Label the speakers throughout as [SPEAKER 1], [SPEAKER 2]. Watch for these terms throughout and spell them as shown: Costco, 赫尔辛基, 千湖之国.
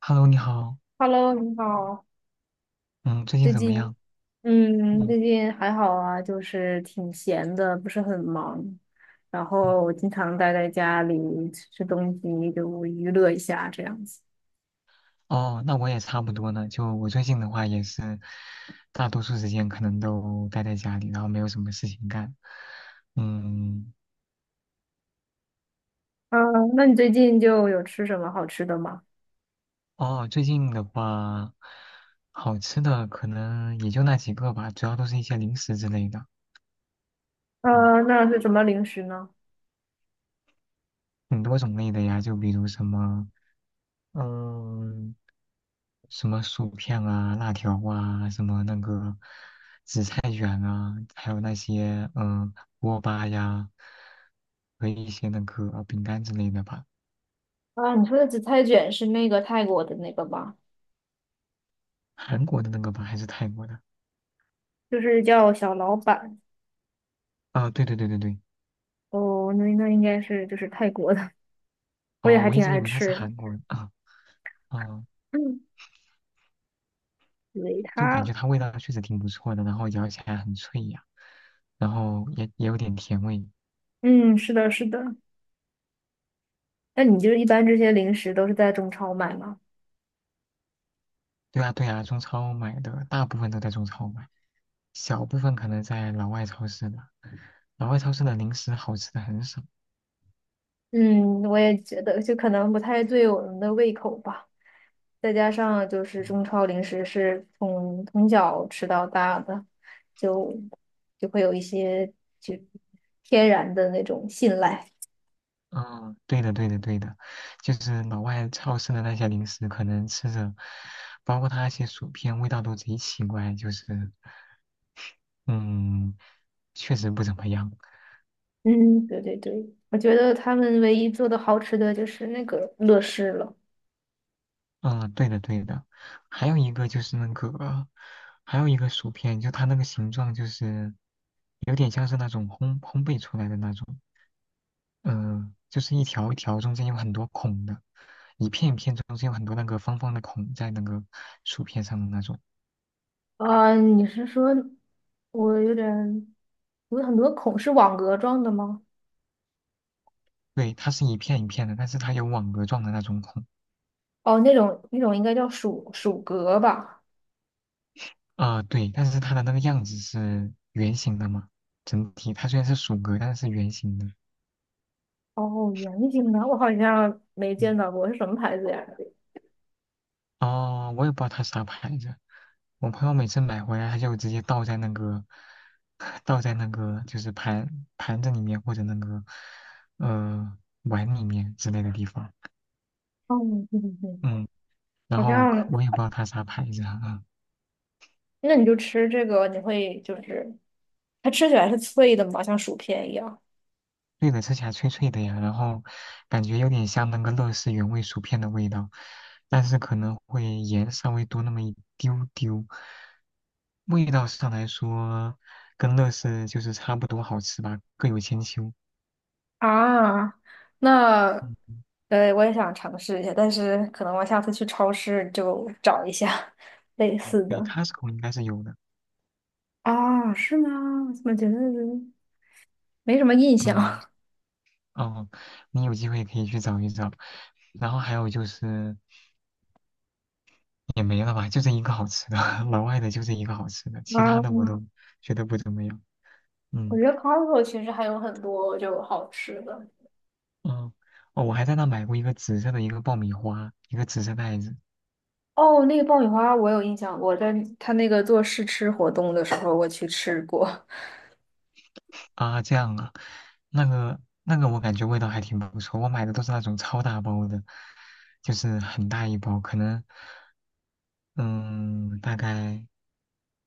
[SPEAKER 1] Hello，你好，
[SPEAKER 2] Hello，你好。
[SPEAKER 1] 嗯，最近
[SPEAKER 2] 最
[SPEAKER 1] 怎么
[SPEAKER 2] 近，
[SPEAKER 1] 样？嗯
[SPEAKER 2] 最近还好啊，就是挺闲的，不是很忙。然
[SPEAKER 1] 嗯，
[SPEAKER 2] 后我经常待在家里吃吃东西，就娱乐一下这样子。
[SPEAKER 1] 哦，那我也差不多呢。就我最近的话，也是大多数时间可能都待在家里，然后没有什么事情干。嗯，
[SPEAKER 2] 嗯，那你最近就有吃什么好吃的吗？
[SPEAKER 1] 哦，最近的话，好吃的可能也就那几个吧，主要都是一些零食之类的，嗯，
[SPEAKER 2] 嗯，那是什么零食呢？
[SPEAKER 1] 很多种类的呀，就比如什么，嗯。什么薯片啊、辣条啊、什么那个紫菜卷啊，还有那些嗯锅巴呀和一些那个饼干之类的吧。
[SPEAKER 2] 啊，你说的紫菜卷是那个泰国的那个吧？
[SPEAKER 1] 韩国的那个吧，还是泰国的？
[SPEAKER 2] 就是叫小老板。
[SPEAKER 1] 啊，对对对对对，
[SPEAKER 2] 哦，那应该是就是泰国的，我也
[SPEAKER 1] 哦，
[SPEAKER 2] 还
[SPEAKER 1] 我一
[SPEAKER 2] 挺
[SPEAKER 1] 直以
[SPEAKER 2] 爱
[SPEAKER 1] 为他是
[SPEAKER 2] 吃。
[SPEAKER 1] 韩国人啊，哦，
[SPEAKER 2] 嗯，维
[SPEAKER 1] 就感
[SPEAKER 2] 他。
[SPEAKER 1] 觉它味道确实挺不错的，然后咬起来很脆呀，然后也有点甜味。
[SPEAKER 2] 嗯，是的，是的。那你就是一般这些零食都是在中超买吗？
[SPEAKER 1] 对啊对啊，中超买的大部分都在中超买，小部分可能在老外超市的。老外超市的零食好吃的很少。
[SPEAKER 2] 嗯，我也觉得，就可能不太对我们的胃口吧。再加上就是中超零食是从小吃到大的，就就会有一些就天然的那种信赖。
[SPEAKER 1] 嗯，对的，对的，对的，就是老外超市的那些零食，可能吃着，包括它那些薯片，味道都贼奇怪，就是，嗯，确实不怎么样。
[SPEAKER 2] 嗯，对对对，我觉得他们唯一做的好吃的就是那个乐事了。
[SPEAKER 1] 嗯，对的，对的。还有一个就是那个，还有一个薯片，就它那个形状就是有点像是那种烘焙出来的那种，嗯、就是一条一条中间有很多孔的，一片一片中间有很多那个方方的孔在那个薯片上的那种。
[SPEAKER 2] 啊，你是说我有点有很多孔是网格状的吗？
[SPEAKER 1] 对，它是一片一片的，但是它有网格状的那种孔。
[SPEAKER 2] 哦，那种应该叫薯薯格吧？
[SPEAKER 1] 啊，对，但是它的那个样子是圆形的嘛，整体它虽然是鼠格，但是是圆形的。
[SPEAKER 2] 哦，圆形的，我好像没见
[SPEAKER 1] 嗯，
[SPEAKER 2] 到过，是什么牌子呀？
[SPEAKER 1] 哦，我也不知道它啥牌子，我朋友每次买回来，他就直接倒在那个，倒在那个就是盘子里面或者那个呃碗里面之类的地方。
[SPEAKER 2] 哦，对对对，
[SPEAKER 1] 嗯，然
[SPEAKER 2] 好
[SPEAKER 1] 后可
[SPEAKER 2] 像，
[SPEAKER 1] 我也不知道它啥牌子啊。嗯
[SPEAKER 2] 那你就吃这个，你会就是它吃起来是脆的嘛，像薯片一样。
[SPEAKER 1] 对的，吃起来脆脆的呀，然后感觉有点像那个乐事原味薯片的味道，但是可能会盐稍微多那么一丢丢。味道上来说，跟乐事就是差不多好吃吧，各有千秋。
[SPEAKER 2] 啊，那，
[SPEAKER 1] 嗯
[SPEAKER 2] 我也想尝试一下，但是可能我下次去超市就找一下类
[SPEAKER 1] 嗯，
[SPEAKER 2] 似
[SPEAKER 1] 对
[SPEAKER 2] 的。
[SPEAKER 1] ，Costco 应该是有的。
[SPEAKER 2] 啊，是吗？我怎么觉得没什么印象？
[SPEAKER 1] 嗯，
[SPEAKER 2] 啊，
[SPEAKER 1] 哦，你有机会可以去找一找。然后还有就是也没了吧，就这一个好吃的，老外的就这一个好吃的，其他的我都觉得不怎么样。
[SPEAKER 2] 我
[SPEAKER 1] 嗯。
[SPEAKER 2] 觉得 Costco 其实还有很多就好吃的。
[SPEAKER 1] 嗯，哦，我还在那买过一个紫色的一个爆米花，一个紫色袋子
[SPEAKER 2] 哦，那个爆米花我有印象，我在他那个做试吃活动的时候我去吃过。
[SPEAKER 1] 啊，这样啊，那个我感觉味道还挺不错，我买的都是那种超大包的，就是很大一包，可能嗯，大概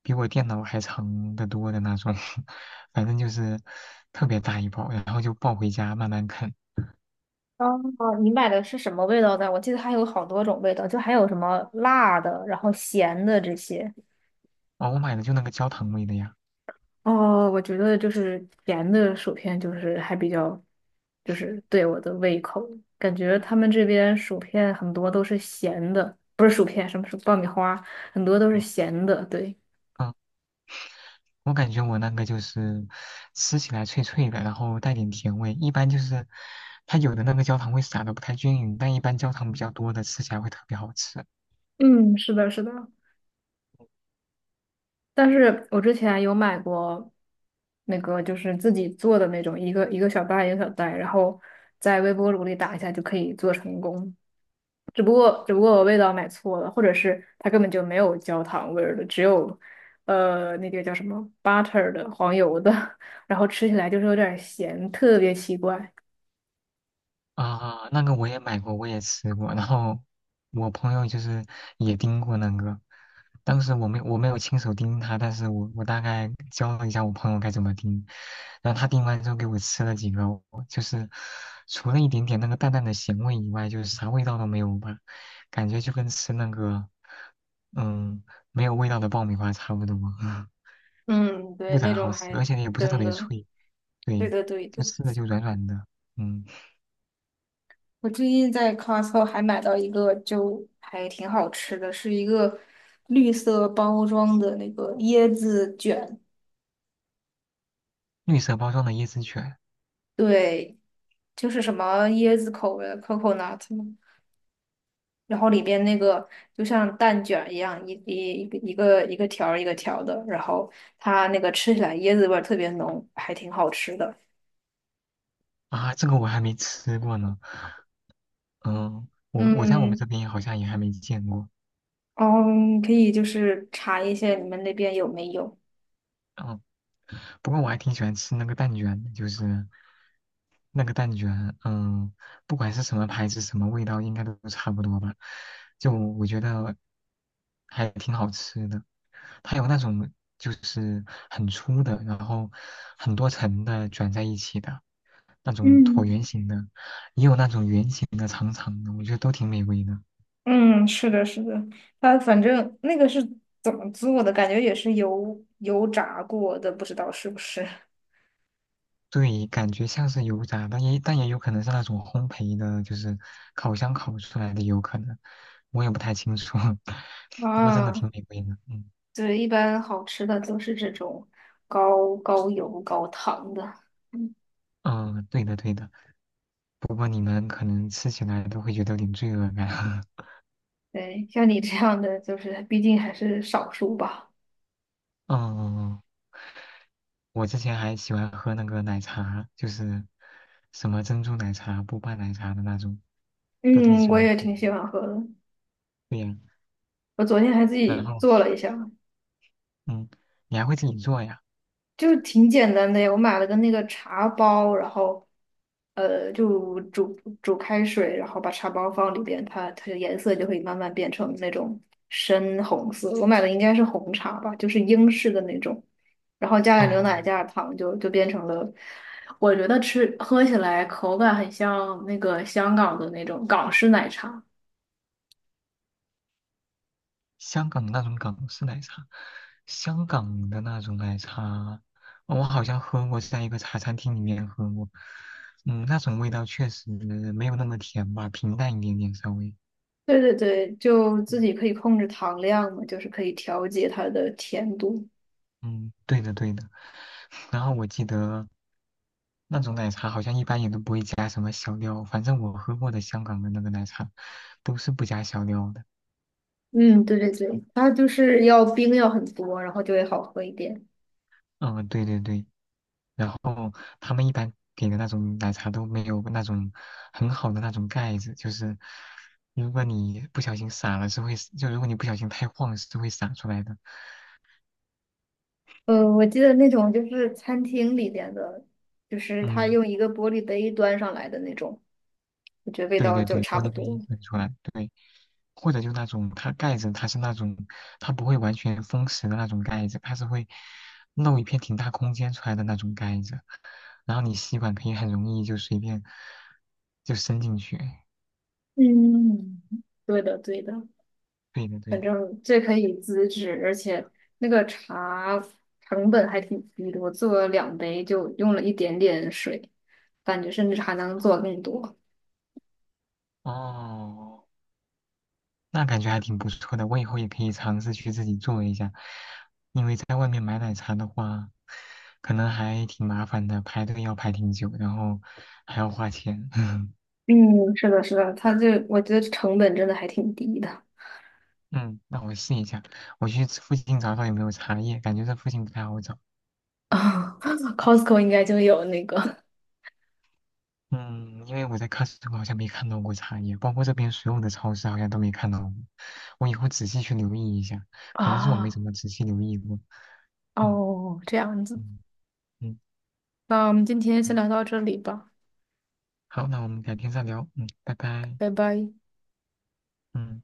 [SPEAKER 1] 比我电脑还长得多的那种，反正就是特别大一包，然后就抱回家慢慢啃。
[SPEAKER 2] 哦，你买的是什么味道的？我记得还有好多种味道，就还有什么辣的，然后咸的这些。
[SPEAKER 1] 哦，我买的就那个焦糖味的呀，
[SPEAKER 2] 哦，我觉得就是甜的薯片就是还比较，就是对我的胃口。感觉他们这边薯片很多都是咸的，不是薯片，什么是爆米花，很多都是咸的。对，
[SPEAKER 1] 嗯我感觉我那个就是吃起来脆脆的，然后带点甜味。一般就是它有的那个焦糖会撒的不太均匀，但一般焦糖比较多的吃起来会特别好吃
[SPEAKER 2] 嗯，是的，是的，但是我之前有买过那个就是自己做的那种，一个一个小袋一个小袋，然后在微波炉里打一下就可以做成功。只不过我味道买错了，或者是它根本就没有焦糖味儿的，只有那个叫什么 butter 的黄油的，然后吃起来就是有点儿咸，特别奇怪。
[SPEAKER 1] 啊。那个我也买过，我也吃过，然后我朋友就是也盯过那个，当时我没有亲手盯他，但是我大概教了一下我朋友该怎么盯，然后他盯完之后给我吃了几个，我就是除了一点点那个淡淡的咸味以外，就是啥味道都没有吧。感觉就跟吃那个嗯，没有味道的爆米花差不多，
[SPEAKER 2] 嗯，对，
[SPEAKER 1] 不
[SPEAKER 2] 那
[SPEAKER 1] 咋
[SPEAKER 2] 种
[SPEAKER 1] 好吃，
[SPEAKER 2] 还
[SPEAKER 1] 而且也不是特
[SPEAKER 2] 真
[SPEAKER 1] 别
[SPEAKER 2] 的，
[SPEAKER 1] 脆，
[SPEAKER 2] 对
[SPEAKER 1] 对，
[SPEAKER 2] 的对
[SPEAKER 1] 就
[SPEAKER 2] 的。
[SPEAKER 1] 吃的就软软的。嗯，
[SPEAKER 2] 我最近在 Costco 还买到一个，就还挺好吃的，是一个绿色包装的那个椰子卷，
[SPEAKER 1] 绿色包装的椰子卷
[SPEAKER 2] 对，就是什么椰子口味的 coconut 嘛，然后里边那个就像蛋卷一样，一个一个条儿一个条儿的，然后它那个吃起来椰子味儿特别浓，还挺好吃的。
[SPEAKER 1] 啊，这个我还没吃过呢。嗯，我在我们这
[SPEAKER 2] 嗯，
[SPEAKER 1] 边好像也还没见过。
[SPEAKER 2] 哦，你可以就是查一下你们那边有没有。
[SPEAKER 1] 嗯。不过我还挺喜欢吃那个蛋卷的，就是那个蛋卷，嗯，不管是什么牌子、什么味道，应该都差不多吧。就我觉得还挺好吃的，它有那种就是很粗的，然后很多层的卷在一起的那种椭
[SPEAKER 2] 嗯。
[SPEAKER 1] 圆形的，也有那种圆形的、长长的，我觉得都挺美味的。
[SPEAKER 2] 嗯，是的，是的，它反正那个是怎么做的，感觉也是油油炸过的，不知道是不是。
[SPEAKER 1] 对，感觉像是油炸，但也有可能是那种烘焙的，就是烤箱烤出来的，有可能，我也不太清楚。不过真的
[SPEAKER 2] 啊，
[SPEAKER 1] 挺美味的，嗯
[SPEAKER 2] 对，一般好吃的都是这种高高油高糖的。嗯，
[SPEAKER 1] 嗯，对的对的。不过你们可能吃起来都会觉得有点罪恶感。
[SPEAKER 2] 对，像你这样的，就是毕竟还是少数吧。
[SPEAKER 1] 嗯，我之前还喜欢喝那个奶茶，就是什么珍珠奶茶、波霸奶茶的那种，都挺
[SPEAKER 2] 嗯，
[SPEAKER 1] 喜
[SPEAKER 2] 我
[SPEAKER 1] 欢
[SPEAKER 2] 也
[SPEAKER 1] 喝
[SPEAKER 2] 挺喜欢喝的，
[SPEAKER 1] 对呀，
[SPEAKER 2] 我昨天还自
[SPEAKER 1] 然
[SPEAKER 2] 己
[SPEAKER 1] 后
[SPEAKER 2] 做了一下。
[SPEAKER 1] 嗯，你还会自己做呀？
[SPEAKER 2] 就挺简单的呀，我买了个那个茶包，然后，就煮开水，然后把茶包放里边，它的颜色就会慢慢变成那种深红色。我买的应该是红茶吧，就是英式的那种，然后加点牛奶，
[SPEAKER 1] 嗯。
[SPEAKER 2] 加点糖就，就变成了。我觉得吃喝起来口感很像那个香港的那种港式奶茶。
[SPEAKER 1] 香港的那种港式奶茶，香港的那种奶茶，我好像喝过，在一个茶餐厅里面喝过。嗯，那种味道确实没有那么甜吧，平淡一点点稍微。
[SPEAKER 2] 对对对，就
[SPEAKER 1] 嗯，
[SPEAKER 2] 自己可以控制糖量嘛，就是可以调节它的甜度。
[SPEAKER 1] 嗯对的对的。然后我记得那种奶茶好像一般也都不会加什么小料，反正我喝过的香港的那个奶茶都是不加小料的。
[SPEAKER 2] 嗯，对对对，它就是要冰要很多，然后就会好喝一点。
[SPEAKER 1] 嗯，对对对。然后他们一般给的那种奶茶都没有那种很好的那种盖子，就是如果你不小心洒了是会，就如果你不小心太晃是会洒出来的。
[SPEAKER 2] 我记得那种就是餐厅里边的，就是它
[SPEAKER 1] 嗯，
[SPEAKER 2] 用一个玻璃杯端上来的那种，我觉得味
[SPEAKER 1] 对
[SPEAKER 2] 道
[SPEAKER 1] 对
[SPEAKER 2] 就
[SPEAKER 1] 对，
[SPEAKER 2] 差
[SPEAKER 1] 玻
[SPEAKER 2] 不
[SPEAKER 1] 璃
[SPEAKER 2] 多。
[SPEAKER 1] 杯喷出来，对，或者就那种它盖子它是那种它不会完全封实的那种盖子，它是会露一片挺大空间出来的那种盖子，然后你吸管可以很容易就随便就伸进去。
[SPEAKER 2] 嗯，对的，对的，
[SPEAKER 1] 对的对
[SPEAKER 2] 反
[SPEAKER 1] 的。
[SPEAKER 2] 正这可以自制，而且那个茶成本还挺低的，我做了两杯就用了一点点水，感觉甚至还能做更多。
[SPEAKER 1] 哦，那感觉还挺不错的，我以后也可以尝试去自己做一下，因为在外面买奶茶的话，可能还挺麻烦的，排队要排挺久，然后还要花钱。
[SPEAKER 2] 嗯，是的，是的，它这我觉得成本真的还挺低的。
[SPEAKER 1] 嗯，那我试一下，我去附近找找有没有茶叶，感觉这附近不太好找。
[SPEAKER 2] 啊 ，Costco 应该就有那个。
[SPEAKER 1] 嗯，因为我在 COST 好像没看到过茶叶，包括这边所有的超市好像都没看到过。我以后仔细去留意一下，可能是我没
[SPEAKER 2] 啊，
[SPEAKER 1] 怎么仔细留意过。
[SPEAKER 2] 哦，这样子，
[SPEAKER 1] 嗯嗯
[SPEAKER 2] 那我们今天
[SPEAKER 1] 嗯，
[SPEAKER 2] 先
[SPEAKER 1] 嗯
[SPEAKER 2] 聊到这里吧，
[SPEAKER 1] 好，那我们改天再聊。嗯，拜拜。
[SPEAKER 2] 拜拜。
[SPEAKER 1] 嗯，